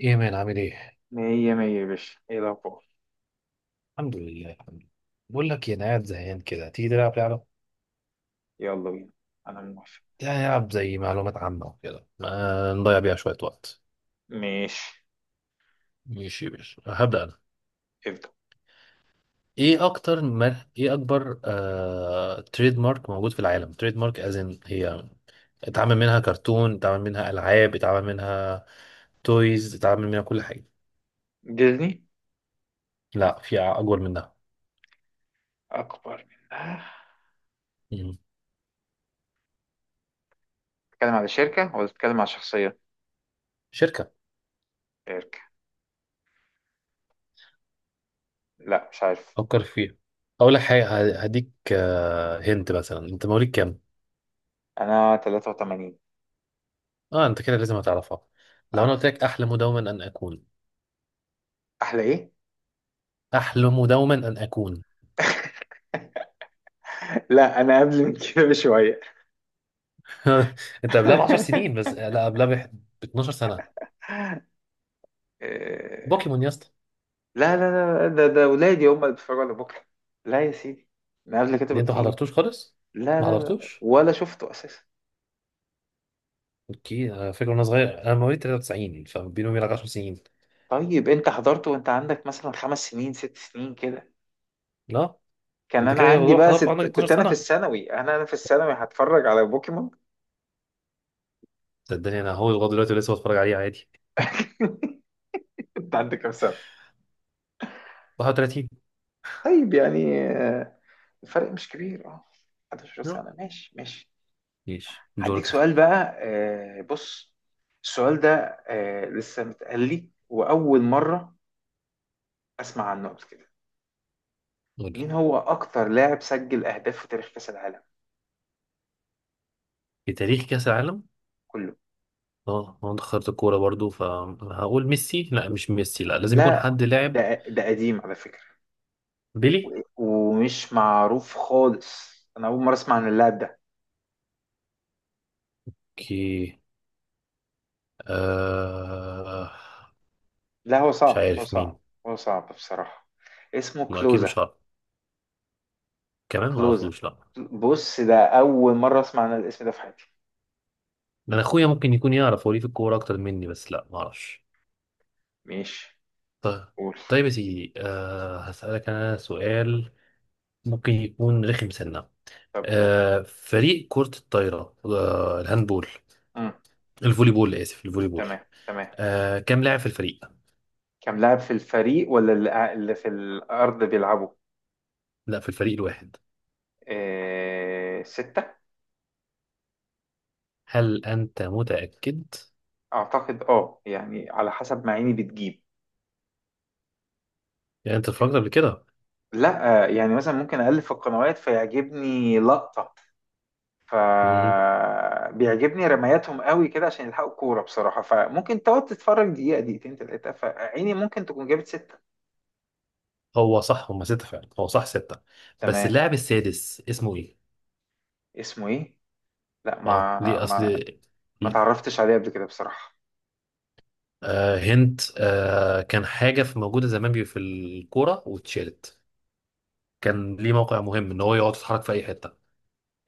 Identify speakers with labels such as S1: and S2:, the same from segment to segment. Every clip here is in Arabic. S1: ايه يا مان عامل ايه؟
S2: مية مية يا باشا، ايه الأخبار؟
S1: الحمد لله الحمد لله. بقول لك إيه، انا قاعد زهقان كده، تيجي تلعب لعبة؟
S2: يلا بينا. أنا موافق.
S1: يعني نلعب زي معلومات عامة وكده، ما نضيع بيها شوية وقت.
S2: ماشي.
S1: ماشي ماشي، هبدأ انا.
S2: ابدأ.
S1: ايه اكتر ما ايه اكبر تريد مارك موجود في العالم؟ تريد مارك ازن هي، اتعمل منها كرتون، اتعمل منها العاب، اتعمل منها تويز، اتعمل منها كل حاجة.
S2: ديزني.
S1: لا، في اكبر منها.
S2: أكبر منها؟
S1: مم.
S2: بتتكلم على شركة ولا بتتكلم على شخصية؟
S1: شركة.
S2: شركة. لا، مش عارف.
S1: فكر فيها، اقول لك حاجة، هديك. هنت مثلا انت مواليد كام؟
S2: أنا 83.
S1: اه، انت كده لازم هتعرفها. لو انا
S2: أه.
S1: قلت لك احلم دوما ان اكون،
S2: أحلى إيه؟
S1: احلم دوما ان اكون.
S2: لا، أنا قبل من كده بشوية.
S1: انت قبلها ب 10 سنين بس لا قبلها ب 12 سنة سنه.
S2: إيه،
S1: بوكيمون يا اسطى.
S2: لا لا لا، ده ولادي هم اللي بيتفرجوا على بكرة. لا يا سيدي. أنا قبل كده
S1: اللي انت ما
S2: بكتير.
S1: حضرتوش خالص،
S2: لا
S1: ما
S2: لا لا،
S1: حضرتوش.
S2: ولا شفته أساسا.
S1: اوكي، انا فاكر وانا صغير، انا مواليد 93، فبيني وبينك 10 سنين.
S2: طيب انت حضرت وانت عندك مثلا 5 سنين 6 سنين كده؟
S1: لا،
S2: كان
S1: انت
S2: انا
S1: كده
S2: عندي
S1: لو
S2: بقى
S1: حضرته عندك
S2: ست، كنت
S1: 12 سنة
S2: انا في
S1: سنه،
S2: الثانوي، انا في الثانوي هتفرج على بوكيمون.
S1: صدقني انا هو لغايه دلوقتي لسه بتفرج عليه عادي.
S2: انت عندك كام سنة؟
S1: 31.
S2: طيب يعني، الفرق مش كبير اه. 11
S1: لا.
S2: سنة. ماشي ماشي.
S1: ماشي،
S2: هديك
S1: دورك يا
S2: سؤال
S1: سيدي.
S2: بقى، بص، السؤال ده لسه متقال لي واول مرة اسمع عنه قبل كده.
S1: قول
S2: مين
S1: لي.
S2: هو اكتر لاعب سجل اهداف في تاريخ كأس العالم
S1: في تاريخ كاس العالم؟
S2: كله؟
S1: اه، انا دخلت الكورة برضو، فهقول ميسي، لا مش ميسي، لا، لازم يكون
S2: لا،
S1: حد لاعب.
S2: ده قديم على فكرة.
S1: بيلي.
S2: ومش معروف خالص، انا اول مره اسمع عن اللاعب ده.
S1: كي. آه،
S2: لا، هو
S1: مش
S2: صعب هو
S1: عارف
S2: صعب.
S1: مين.
S2: هو صعب بصراحه. اسمه
S1: ما اكيد
S2: كلوزا.
S1: مش عارف، كمان ما
S2: كلوزا.
S1: اعرفوش، لا.
S2: بص، ده اول مره اسمع عن الاسم ده في حياتي.
S1: انا اخويا ممكن يكون يعرف، هو ليه في الكورة اكتر مني، بس لا ما اعرفش.
S2: ماشي.
S1: طيب.
S2: قول.
S1: طيب يا سيدي، آه هسألك انا سؤال، ممكن يكون رخم سنة.
S2: طب قول.
S1: آه، فريق كرة الطايرة، آه الهاندبول،
S2: امم.
S1: الفولي بول، اسف الفولي بول.
S2: تمام تمام.
S1: آه، كم لاعب في الفريق؟
S2: كم لاعب في الفريق؟ ولا اللي في الارض بيلعبوا؟
S1: لا، في الفريق الواحد.
S2: سته.
S1: هل أنت متأكد؟
S2: اعتقد اه، يعني على حسب ما عيني بتجيب.
S1: يعني أنت اتفرجت قبل كده؟
S2: لا، يعني مثلا ممكن اقلب في القنوات فيعجبني لقطه،
S1: مم.
S2: فبيعجبني رمياتهم قوي كده عشان يلحقوا الكوره بصراحه، فممكن تقعد تتفرج دقيقه دقيقتين ثلاثه، فعيني ممكن تكون جابت سته.
S1: هو صح، هما ستة فعلا، هو صح ستة. بس
S2: تمام.
S1: اللاعب السادس اسمه إيه؟
S2: اسمه ايه؟ لا،
S1: أه
S2: ما
S1: ليه؟
S2: ما
S1: أصل
S2: ما تعرفتش عليه قبل كده بصراحه.
S1: هنت، كان حاجة في موجودة زمان في الكورة واتشالت، كان ليه موقع مهم إن هو يقعد يتحرك في أي حتة.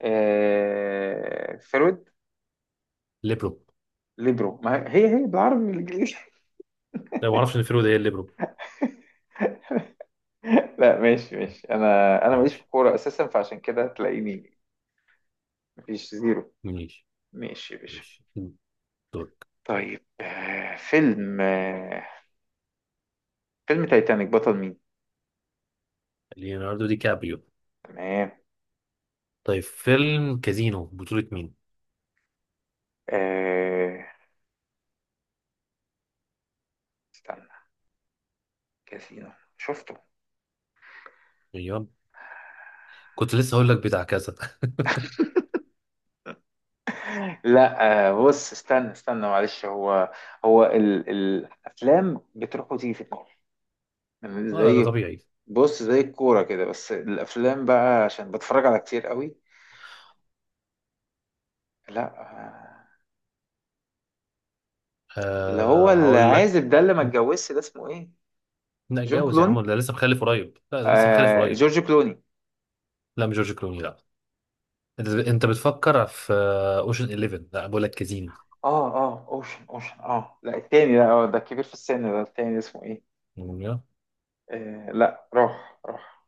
S2: فرويد.
S1: ليبرو.
S2: ليبرو. ما هي هي بالعربي بالانجليزي.
S1: لا، ما أعرفش إن فيرو ده إيه الليبرو.
S2: لا، ماشي ماشي. انا، انا ماليش في
S1: ماشي.
S2: الكوره اساسا، فعشان كده تلاقيني مفيش زيرو.
S1: ماشي
S2: ماشي يا باشا.
S1: ماشي. دول.
S2: طيب، فيلم، فيلم تايتانيك بطل مين؟
S1: ليوناردو دي كابريو.
S2: تمام.
S1: طيب فيلم كازينو بطولة مين؟
S2: آه استنى، كاسينو، شفته.
S1: أيوه، كنت لسه هقول لك بتاع كذا.
S2: لا، بص، استنى استنى، معلش، هو الافلام بتروح وتيجي في دماغي، يعني
S1: اه لا، ده
S2: زي،
S1: طبيعي.
S2: بص زي الكوره كده، بس الافلام بقى عشان بتفرج على كتير قوي. لا، اللي هو
S1: أه هقول لك.
S2: العازب ده، اللي ما اتجوزش، ده اسمه ايه؟
S1: لا
S2: جون
S1: اتجوز يا
S2: كلوني.
S1: عم، ده لسه مخلف قريب، لا ده لسه مخلف
S2: آه،
S1: قريب.
S2: جورج كلوني.
S1: لا مش جورج كلوني، لا. انت بتفكر في اوشن 11، لا بقول لك كازين.
S2: اه اه، اوشن اوشن، اه لا التاني، لا، ده كبير في السن، ده التاني اسمه ايه؟ لا، روح روح.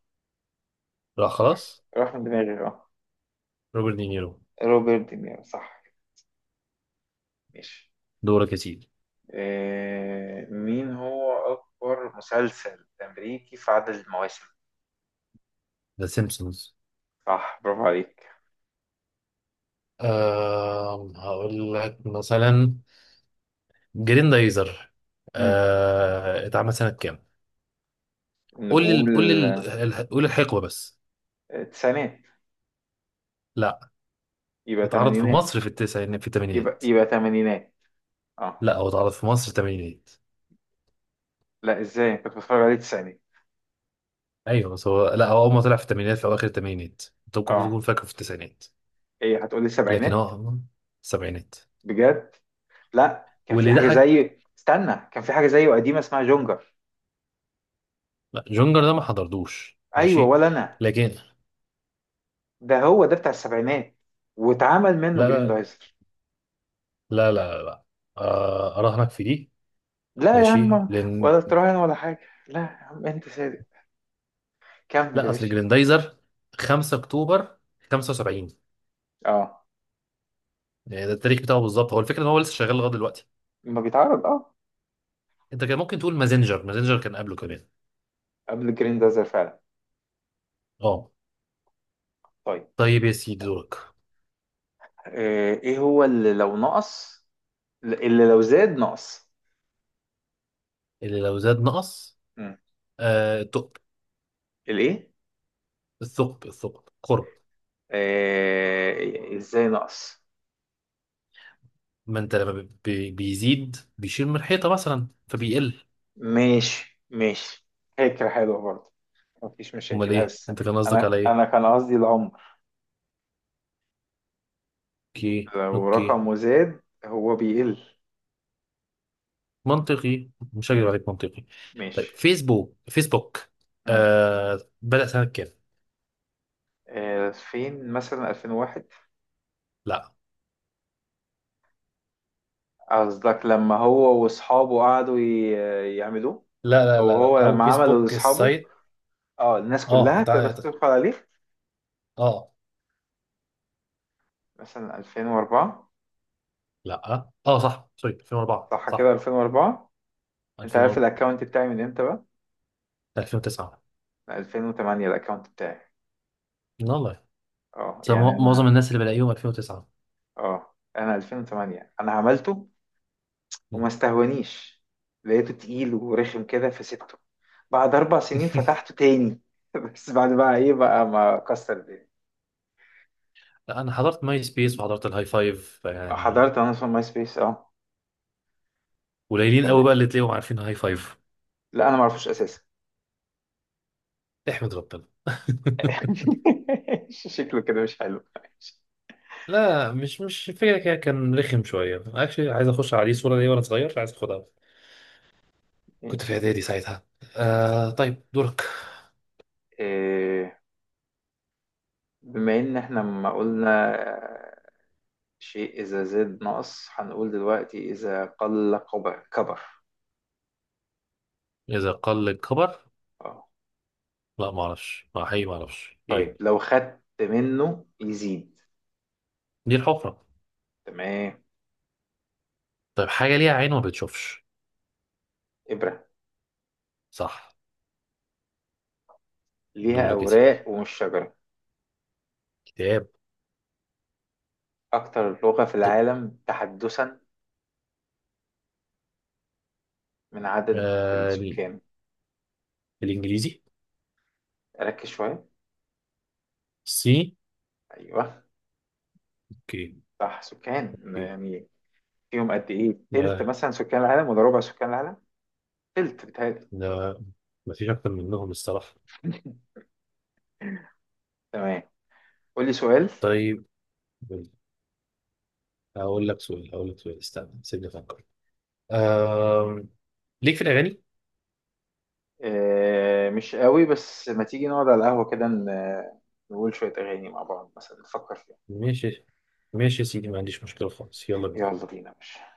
S1: لا خلاص.
S2: روح من دماغي اه.
S1: روبرت دينيرو.
S2: روبرت دينيرو صح. ماشي.
S1: دورك يا سيدي.
S2: مين هو أكبر مسلسل أمريكي في عدد المواسم؟
S1: ذا سيمبسونز.
S2: صح، برافو عليك.
S1: أه هقول لك مثلا، جريندايزر،
S2: مم.
S1: أه اتعمل سنة كام؟ قول لي
S2: نقول
S1: قول لي، قول الحقبة بس.
S2: تسعينات.
S1: لا.
S2: يبقى
S1: اتعرض في
S2: تمانينات.
S1: مصر في التسعينات في
S2: يبقى
S1: الثمانينات.
S2: يبقى تمانينات. اه.
S1: لا، هو اتعرض في مصر الثمانينات.
S2: لا ازاي، كنت بتفرج عليه تسعينات.
S1: ايوه بس هو، لا هو اول ما طلع في الثمانينات، في اواخر الثمانينات، انت ممكن
S2: اه.
S1: تكون فاكره في التسعينات.
S2: ايه، هتقولي
S1: لكن
S2: سبعينات؟
S1: هو السبعينات.
S2: بجد؟ لا، كان في
S1: واللي
S2: حاجة
S1: ضحك.
S2: زي، استنى، كان في حاجة زيه قديمة اسمها جونجر.
S1: لا، جونجر ده ما حضرتوش،
S2: ايوه،
S1: ماشي.
S2: ولا انا.
S1: لكن،
S2: ده هو ده بتاع السبعينات، واتعمل منه
S1: لا
S2: جرين
S1: لا
S2: دايزر.
S1: لا لا لا, لا. آه، اراهنك في دي.
S2: لا يا
S1: ماشي
S2: عم.
S1: لان،
S2: ولا تراهن ولا حاجة. لا يا عم، أنت صادق. كمل يا
S1: لا اصل
S2: باشا.
S1: جريندايزر 5 اكتوبر 75،
S2: أه،
S1: يعني ده التاريخ بتاعه بالظبط، هو الفكره ان هو لسه شغال لغايه دلوقتي.
S2: لما بيتعرض أه.
S1: انت كان ممكن تقول مازنجر، مازنجر كان قبله كمان.
S2: قبل الجرين دازر فعلا.
S1: اه.
S2: طيب.
S1: طيب يا سيدي دورك.
S2: إيه هو اللي لو نقص، اللي لو زاد نقص؟
S1: اللي لو زاد نقص؟
S2: مم.
S1: آه الثقب.
S2: الإيه؟
S1: الثقب قرب.
S2: إزاي نقص؟
S1: ما انت لما بيزيد بيشيل من الحيطه مثلا فبيقل.
S2: ماشي ماشي. فكرة حلوة برضه. مفيش
S1: امال
S2: مشاكل
S1: ايه
S2: بس.
S1: انت كان قصدك
S2: أنا
S1: على ايه؟
S2: أنا كان قصدي العمر.
S1: اوكي
S2: لو
S1: اوكي.
S2: رقمه زاد هو بيقل.
S1: منطقي، مش هكذب
S2: مم.
S1: عليك، منطقي. طيب
S2: ماشي.
S1: فيسبوك. فيسبوك،
S2: مم.
S1: آه بدأ سنه كام؟
S2: 2000 مثلا، 2001.
S1: لا
S2: قصدك لما هو واصحابه قعدوا يعملوه؟
S1: لا لا
S2: او
S1: لا لا،
S2: هو
S1: او
S2: لما عمله
S1: فيسبوك
S2: لاصحابه؟
S1: السايت.
S2: اه، الناس
S1: اه
S2: كلها تقدر تدخل عليه.
S1: اه.
S2: مثلا 2004.
S1: لا اه صح، سوري 2004
S2: صح كده،
S1: صح.
S2: 2004. انت عارف
S1: 2004.
S2: الاكونت بتاعي من امتى بقى؟
S1: 2009.
S2: من 2008 الاكونت بتاعي.
S1: والله،
S2: اه
S1: بس
S2: يعني انا،
S1: معظم الناس اللي بلاقيهم 2009.
S2: اه، انا 2008 انا عملته. وما
S1: مم.
S2: استهونيش، لقيته تقيل ورخم كده فسيبته. بعد 4 سنين فتحته تاني. بس بعد بقى ايه بقى، ما كسر الدنيا.
S1: لا، انا حضرت ماي سبيس وحضرت الهاي فايف يعني.
S2: حضرت انا في ماي سبيس اه.
S1: قليلين قوي بقى اللي تلاقيهم عارفين هاي فايف.
S2: لا انا ما اعرفوش اساسا.
S1: احمد ربنا.
S2: شكله كده مش حلو. ماشي.
S1: لا، مش فكرة كده، كان رخم شوية، اكشلي عايز اخش عليه صورة ليا وانا صغير، عايز اخدها. كنت في
S2: ماشي.
S1: اعدادي ساعتها. آه طيب دورك.
S2: إيه، بما ان احنا ما قلنا، شيء اذا زاد نقص، هنقول دلوقتي اذا قل كبر كبر.
S1: اذا قل الكبر؟
S2: اه.
S1: لا ما اعرفش، ما حقيقي ما اعرفش
S2: طيب
S1: ايه.
S2: لو خدت منه يزيد.
S1: دي الحفرة.
S2: تمام.
S1: طيب حاجة ليها عين ما بتشوفش.
S2: ابرة.
S1: صح.
S2: ليها
S1: دورك يا سيدي.
S2: اوراق ومش شجرة.
S1: كتاب.
S2: اكتر لغة في
S1: طب،
S2: العالم تحدثا من عدد
S1: آه ال-
S2: السكان.
S1: الانجليزي.
S2: ركز شوية.
S1: سي.
S2: ايوه.
S1: اوكي
S2: صح، سكان
S1: اوكي.
S2: يعني. فيهم قد ايه، تلت
S1: آه
S2: مثلا سكان العالم ولا ربع سكان العالم؟ قلت بتهيألي.
S1: لا، ما فيش اكتر منهم الصراحة.
S2: تمام. قول لي سؤال.
S1: طيب، هقول لك سؤال، هقول لك سؤال، استنى سيبني افكر. آم... ليك في الاغاني؟
S2: آه، مش قوي، بس ما تيجي نقعد على القهوة كده، نقول شوية أغاني مع بعض مثلا نفكر فيها.
S1: ماشي. ماشي يا سيدي، ما عنديش مشكله خالص، يلا بينا.
S2: يلا بينا يا باشا.